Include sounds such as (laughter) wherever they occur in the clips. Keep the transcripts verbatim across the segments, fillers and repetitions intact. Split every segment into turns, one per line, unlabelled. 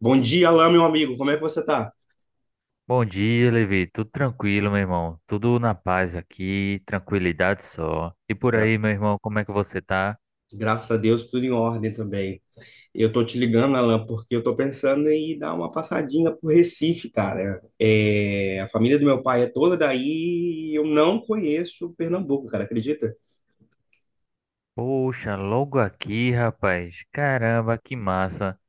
Bom dia, Alain, meu amigo. Como é que você tá?
Bom dia, Levi. Tudo tranquilo, meu irmão? Tudo na paz aqui, tranquilidade só. E por
Gra-
aí, meu irmão, como é que você tá?
Graças a Deus, tudo em ordem também. Eu tô te ligando, Alain, porque eu tô pensando em dar uma passadinha por Recife, cara. É, a família do meu pai é toda daí e eu não conheço Pernambuco, cara, acredita?
Poxa, logo aqui, rapaz. Caramba, que massa.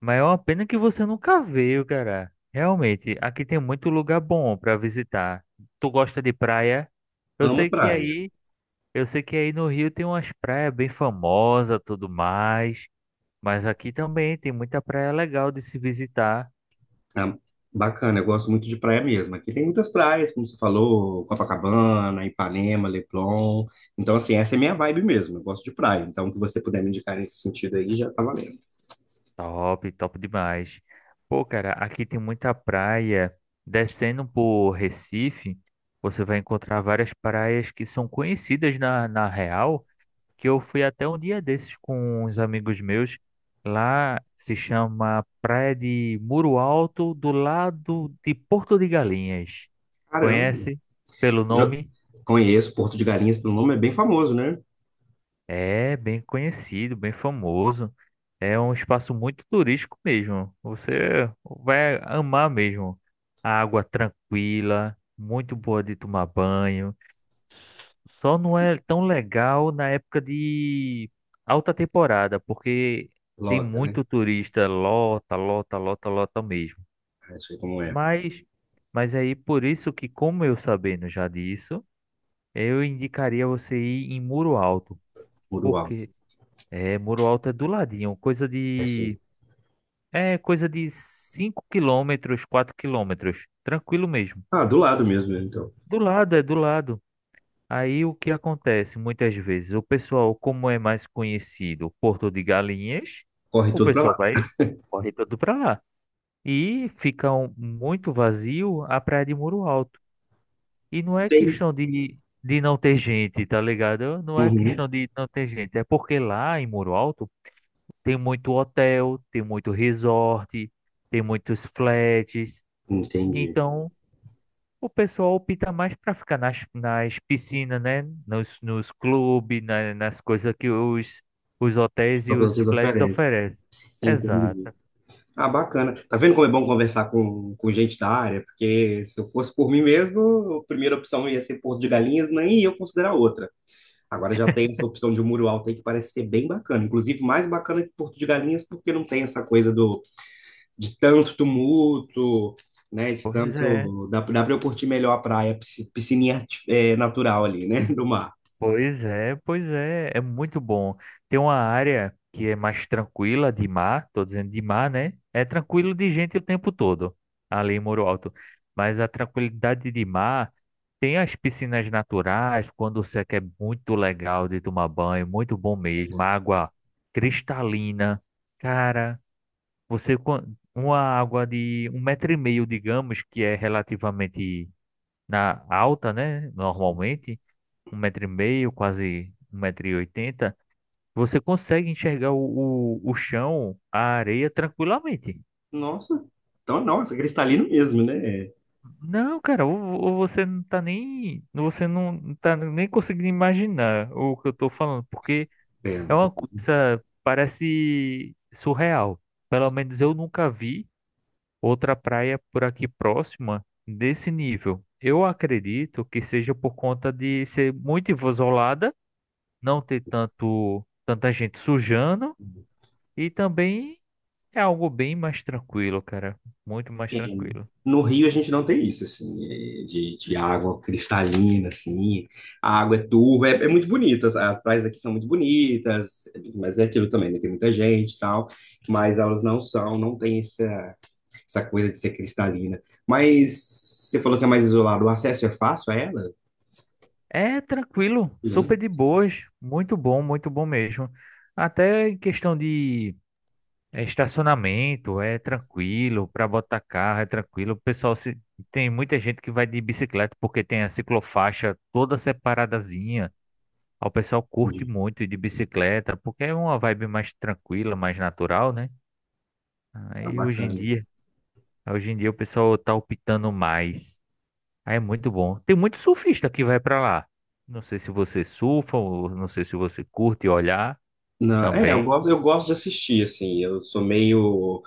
Mas é uma pena que você nunca veio, cara. Realmente, aqui tem muito lugar bom pra visitar. Tu gosta de praia? Eu
Amo
sei que
praia.
aí, eu sei que aí no Rio tem umas praias bem famosas, tudo mais, mas aqui também tem muita praia legal de se visitar.
Ah, Bacana, eu gosto muito de praia mesmo. Aqui tem muitas praias, como você falou, Copacabana, Ipanema, Leblon. Então, assim, essa é minha vibe mesmo. Eu gosto de praia. Então, o que você puder me indicar nesse sentido aí já tá valendo.
Top, top demais. Pô, cara, aqui tem muita praia. Descendo por Recife, você vai encontrar várias praias que são conhecidas na, na real, que eu fui até um dia desses com uns amigos meus. Lá se chama Praia de Muro Alto, do lado de Porto de Galinhas.
Caramba.
Conhece pelo
Já
nome?
conheço Porto de Galinhas pelo nome, é bem famoso, né?
É bem conhecido, bem famoso. É um espaço muito turístico mesmo. Você vai amar mesmo. A água tranquila, muito boa de tomar banho. Só não é tão legal na época de alta temporada, porque tem
Loca, né?
muito turista, lota, lota, lota, lota mesmo.
Ah, eu sei como é.
Mas, mas aí por isso que, como eu sabendo já disso, eu indicaria você ir em Muro Alto.
Muro Alto,
Porque é, Muro Alto é do ladinho, coisa
pertinho.
de. É, coisa de cinco quilômetros, quatro quilômetros. Tranquilo mesmo.
Ah, do lado mesmo, né? Então.
Do lado, é do lado. Aí o que acontece muitas vezes? O pessoal, como é mais conhecido, Porto de Galinhas,
Corre
o
tudo pra
pessoal
lá.
vai, corre todo para lá. E fica um- muito vazio a praia de Muro Alto. E não é
Tem.
questão de, de não ter gente, tá ligado? Não é
Uhum.
questão de não ter gente. É porque lá em Muro Alto. Tem muito hotel, tem muito resort, tem muitos flats.
Entendi.
Então, o pessoal opta mais para ficar nas, nas piscinas, né? Nos, nos clubes, na- nas coisas que os, os hotéis e
Só que
os
outras
flats
oferecem.
oferecem. Exato.
Entendi. Ah, bacana. Tá vendo como é bom conversar com, com gente da área? Porque se eu fosse por mim mesmo, a primeira opção ia ser Porto de Galinhas, nem eu considerar outra. Agora já tem essa opção de um muro alto aí que parece ser bem bacana. Inclusive, mais bacana que Porto de Galinhas, porque não tem essa coisa do de tanto tumulto, né? De
Pois é.
tanto. Dá, dá para eu curtir melhor a praia, pisci- piscininha arti- é, natural ali, né? (laughs) Do mar.
Pois é, pois é, é muito bom. Tem uma área que é mais tranquila de mar, tô dizendo de mar, né? É tranquilo de gente o tempo todo, ali em Muro Alto. Mas a tranquilidade de mar tem as piscinas naturais, quando você quer muito legal de tomar banho, muito bom mesmo. Água cristalina, cara, você quan- uma água de um metro e meio, digamos, que é relativamente na alta, né? Normalmente um metro e meio, quase um metro e oitenta, você consegue enxergar o, o, o chão, a areia tranquilamente.
Nossa, então, nossa, cristalino mesmo, né? É,
Não, cara, ou, ou você não tá nem, você não tá nem conseguindo imaginar o que eu tô falando, porque
é.
é uma coisa, parece surreal. Pelo menos eu nunca vi outra praia por aqui próxima desse nível. Eu acredito que seja por conta de ser muito isolada, não ter tanto tanta gente sujando. E também é algo bem mais tranquilo, cara. Muito mais
É,
tranquilo.
No Rio a gente não tem isso, assim, é, de, de água cristalina, assim, a água é turva, é, é muito bonita as, as praias aqui são muito bonitas, mas é aquilo também, né? Tem muita gente e tal, mas elas não são, não tem essa, essa coisa de ser cristalina. Mas você falou que é mais isolado, o acesso é fácil a ela?
É tranquilo, super
Não,
de boas. Muito bom, muito bom mesmo. Até em questão de eh, estacionamento, é tranquilo. Para botar carro, é tranquilo. O pessoal se... tem muita gente que vai de bicicleta porque tem a ciclofaixa toda separadazinha. O pessoal curte
entendi.
muito ir de bicicleta porque é uma vibe mais tranquila, mais natural, né?
Tá
Aí hoje em
bacana.
dia, hoje em dia o pessoal tá optando mais. Ah, é muito bom. Tem muito surfista que vai pra lá. Não sei se você surfa, ou não sei se você curte olhar
Não, é, eu
também.
gosto, eu gosto de assistir, assim, eu sou meio,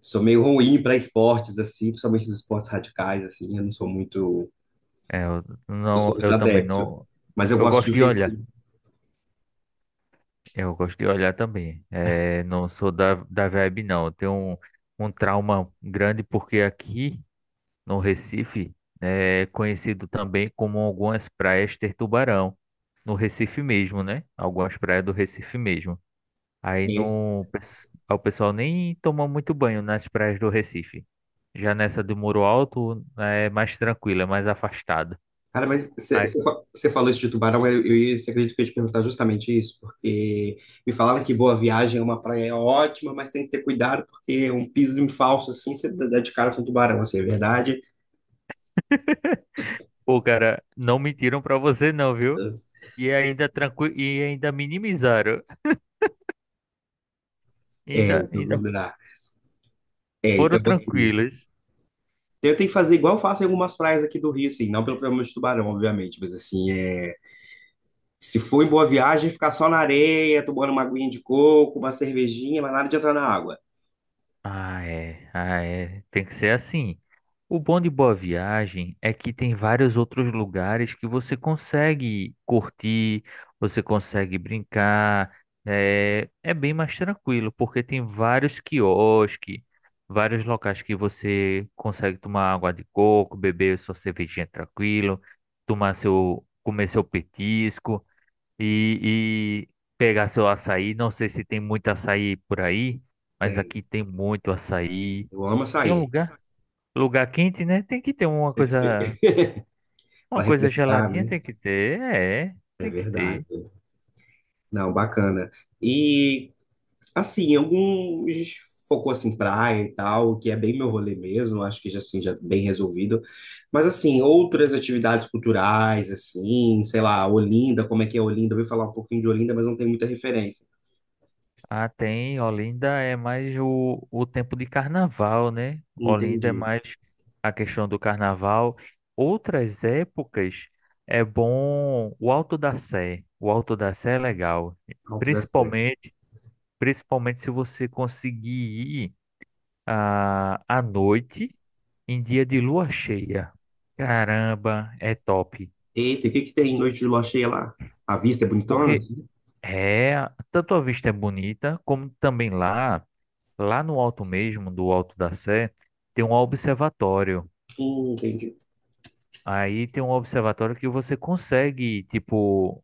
sou meio ruim para esportes, assim, principalmente os esportes radicais, assim, eu não sou muito.
É, eu
Eu
não,
sou muito
eu também
adepto.
não.
Mas eu
Eu
gosto
gosto
de
de
ver isso,
olhar.
né?
Eu gosto de olhar também. É, não sou da, da vibe, não. Eu tenho um, um trauma grande porque aqui no Recife é conhecido também como algumas praias ter tubarão. No Recife mesmo, né? Algumas praias do Recife mesmo. Aí
É isso.
não, pes- o pessoal nem toma muito banho nas praias do Recife. Já nessa do Muro Alto né, é mais tranquila, é mais afastada.
Cara, mas
Aí,
você falou isso de Tubarão, eu, eu, ia- cê acredita que eu ia te perguntar justamente isso, porque me falaram que Boa Viagem é uma praia ótima, mas tem que ter cuidado, porque um piso falso assim, você dá de cara com tubarão, assim, é verdade?
pô, cara, não mentiram pra você não, viu? E ainda tranqui... e ainda minimizaram. (laughs)
É,
Ainda
então, não
ainda
dá. É,
foram
então assim,
tranquilos.
eu tenho que fazer igual eu faço em algumas praias aqui do Rio, assim, não pelo problema de tubarão, obviamente, mas assim, é, se for em Boa Viagem, ficar só na areia, tomando uma aguinha de coco, uma cervejinha, mas nada de entrar na água.
Ah, é. Ah, é. Tem que ser assim. O bom de Boa Viagem é que tem vários outros lugares que você consegue curtir, você consegue brincar. É, é bem mais tranquilo, porque tem vários quiosques, vários locais que você consegue tomar água de coco, beber sua cervejinha tranquilo, tomar seu, comer seu petisco e, e pegar seu açaí. Não sei se tem muito açaí por aí, mas
Né?
aqui tem muito açaí.
Eu amo
Que é um
açaí,
lugar, lugar quente, né? Tem que ter uma coisa, uma
para
coisa
refrescar,
geladinha,
né?
tem que ter, é,
É
tem que ter.
verdade. Não, bacana. E, assim, alguns focou, assim, praia e tal, que é bem meu rolê mesmo, acho que, já, assim, já bem resolvido. Mas, assim, outras atividades culturais, assim, sei lá, Olinda, como é que é Olinda? Eu ouvi falar um pouquinho de Olinda, mas não tem muita referência.
Ah, tem, Olinda é mais o, o tempo de carnaval, né? Olinda é
Entendi.
mais a questão do carnaval. Outras épocas é bom o Alto da Sé. O Alto da Sé é legal.
Alto da Serra.
Principalmente se você conseguir ir ah, à noite em dia de lua cheia. Caramba, é top.
Eita, e o que que tem em noite de lua cheia lá? A vista é bonitona,
Porque
assim?
é, tanto a vista é bonita, como também lá, lá no alto mesmo, do Alto da Sé, tem um observatório.
Hum, entendi.
Aí tem um observatório que você consegue, tipo,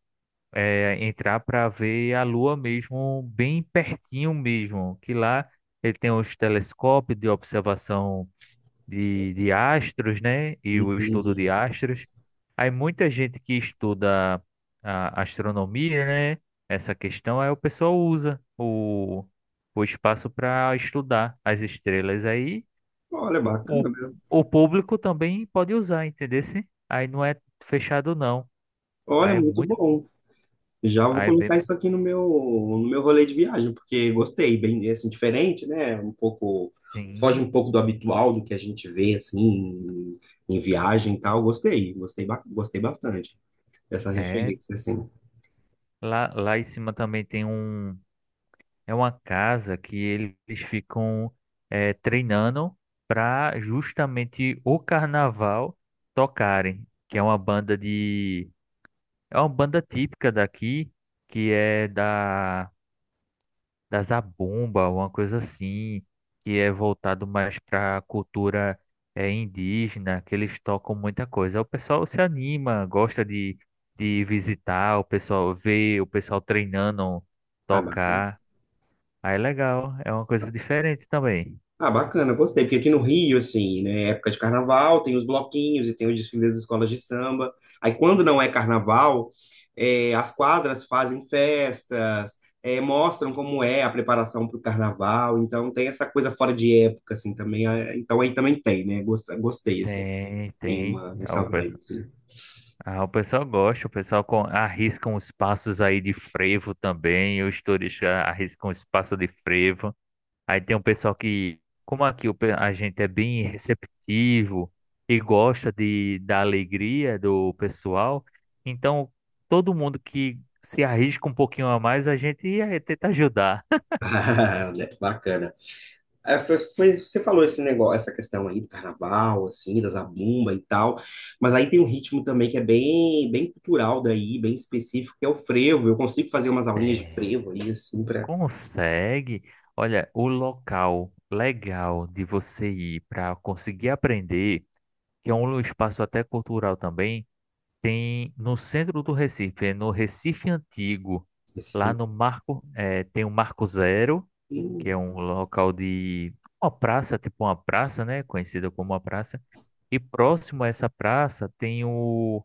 é, entrar para ver a lua mesmo, bem pertinho mesmo. Que lá ele tem os telescópios de observação de, de astros, né? E o estudo de
Entendi.
astros. Aí muita gente que estuda a astronomia, né? Essa questão aí o pessoal usa o, o espaço para estudar as estrelas aí.
Olha,
O,
bacana.
o público também pode usar, entendeu? Aí não é fechado não.
Olha,
Aí é
muito
muito,
bom. Já vou
aí é
colocar
bem,
isso aqui no meu, no meu rolê de viagem, porque gostei, bem assim, diferente, né? Um pouco, foge
sim,
um pouco do habitual, do que a gente vê assim em, em viagem e tal. Gostei, gostei, ba- gostei bastante dessa
é
referência, assim.
lá, lá em cima também tem um. É uma casa que eles ficam eh, treinando para justamente o carnaval tocarem, que é uma banda de é uma banda típica daqui, que é da da Zabumba, uma coisa assim, que é voltado mais para a cultura eh, indígena, que eles tocam muita coisa. O pessoal se anima, gosta de de visitar, o pessoal vê, o pessoal treinando
Ah, bacana.
tocar. Aí é legal, é uma coisa diferente também.
Ah, bacana, gostei. Porque aqui no Rio, assim, né, é época de carnaval, tem os bloquinhos e tem os desfiles das escolas de samba. Aí, quando não é carnaval, eh, as quadras fazem festas, eh, mostram como é a preparação para o carnaval. Então, tem essa coisa fora de época, assim, também. Ah, então, aí também tem, né? Gost- Gostei, assim,
Tem,
tem
tem.
uma,
Ah,
essa
o
vibe,
pessoal,
assim.
ah, o pessoal gosta, o pessoal com, arrisca uns passos aí de frevo também. Os turistas arriscam os passos de frevo. Aí tem um pessoal que, como aqui o pe- a gente é bem receptivo e gosta de, da alegria do pessoal, então todo mundo que se arrisca um pouquinho a mais, a gente eh, tenta ajudar. (laughs)
(laughs) Ah, né, bacana. É, foi, foi- você falou esse negócio, essa questão aí do carnaval, assim, da zabumba e tal, mas aí tem um ritmo também que é bem, bem cultural daí, bem específico, que é o frevo. Eu consigo fazer umas aulinhas de
Tem.
frevo aí, assim, para
Consegue? Olha, o local legal de você ir para conseguir aprender, que é um espaço até cultural também, tem no centro do Recife, é no Recife Antigo.
esse
Lá
frevo.
no Marco, eh, tem o Marco Zero, que
Hum.
é um local de uma praça, tipo uma praça, né? Conhecida como uma praça. E próximo a essa praça tem o,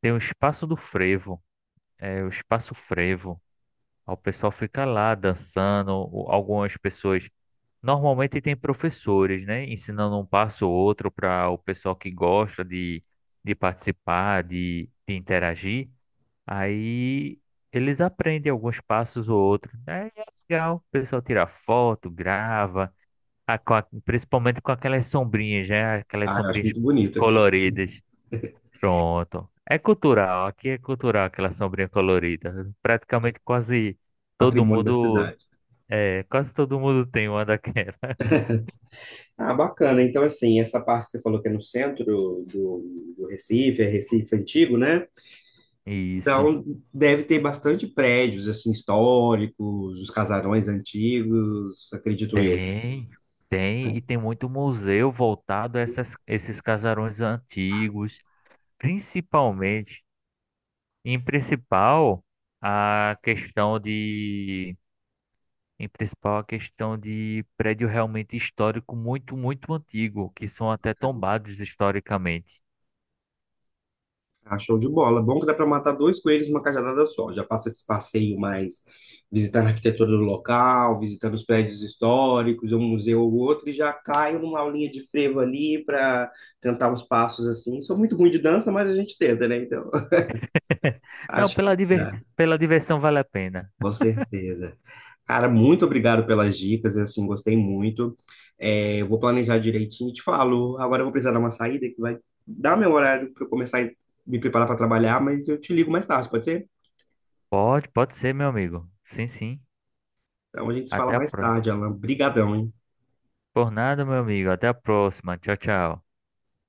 tem o Espaço do Frevo, é o Espaço Frevo. O pessoal fica lá dançando, o- algumas pessoas. Normalmente tem professores, né, ensinando um passo ou outro para o pessoal que gosta de, de participar, de, de interagir. Aí eles aprendem alguns passos ou outros. Aí é legal, o pessoal tira foto, grava, a- com a- principalmente com aquelas sombrinhas, né, aquelas
Ah, eu acho
sombrinhas
muito bonito aquele
coloridas. Pronto. É cultural, aqui é cultural aquela sombrinha colorida. Praticamente quase todo
patrimônio da
mundo,
cidade.
é, quase todo mundo tem uma daquela.
Ah, bacana. Então, assim, essa parte que você falou que é no centro do, do Recife, é Recife antigo, né?
(laughs) Isso.
Então, deve ter bastante prédios, assim, históricos, os casarões antigos, acredito eu, assim.
Tem, tem, e tem muito museu voltado a essas, esses casarões antigos, principalmente, em principal, a questão de, em principal, a questão de prédio realmente histórico muito, muito antigo, que são até tombados historicamente.
Ah, show de bola. Bom que dá para matar dois coelhos numa cajadada só. Já passa esse passeio mais visitando a arquitetura do local, visitando os prédios históricos, um museu ou outro, e já cai numa aulinha de frevo ali para tentar uns passos assim. Sou muito ruim de dança, mas a gente tenta, né? Então,
(laughs)
(laughs)
Não,
acho
pela,
que
diver,
dá,
pela diversão vale a pena.
com certeza. Cara, muito obrigado pelas dicas, eu, assim, gostei muito. É, eu vou planejar direitinho e te falo. Agora eu vou precisar dar uma saída que vai dar meu horário para eu começar a me preparar para trabalhar, mas eu te ligo mais tarde, pode ser?
Pode, pode ser, meu amigo. Sim, sim.
Então a gente se fala
Até a
mais
próxima.
tarde, Alan. Brigadão, hein?
Por nada, meu amigo. Até a próxima. Tchau, tchau.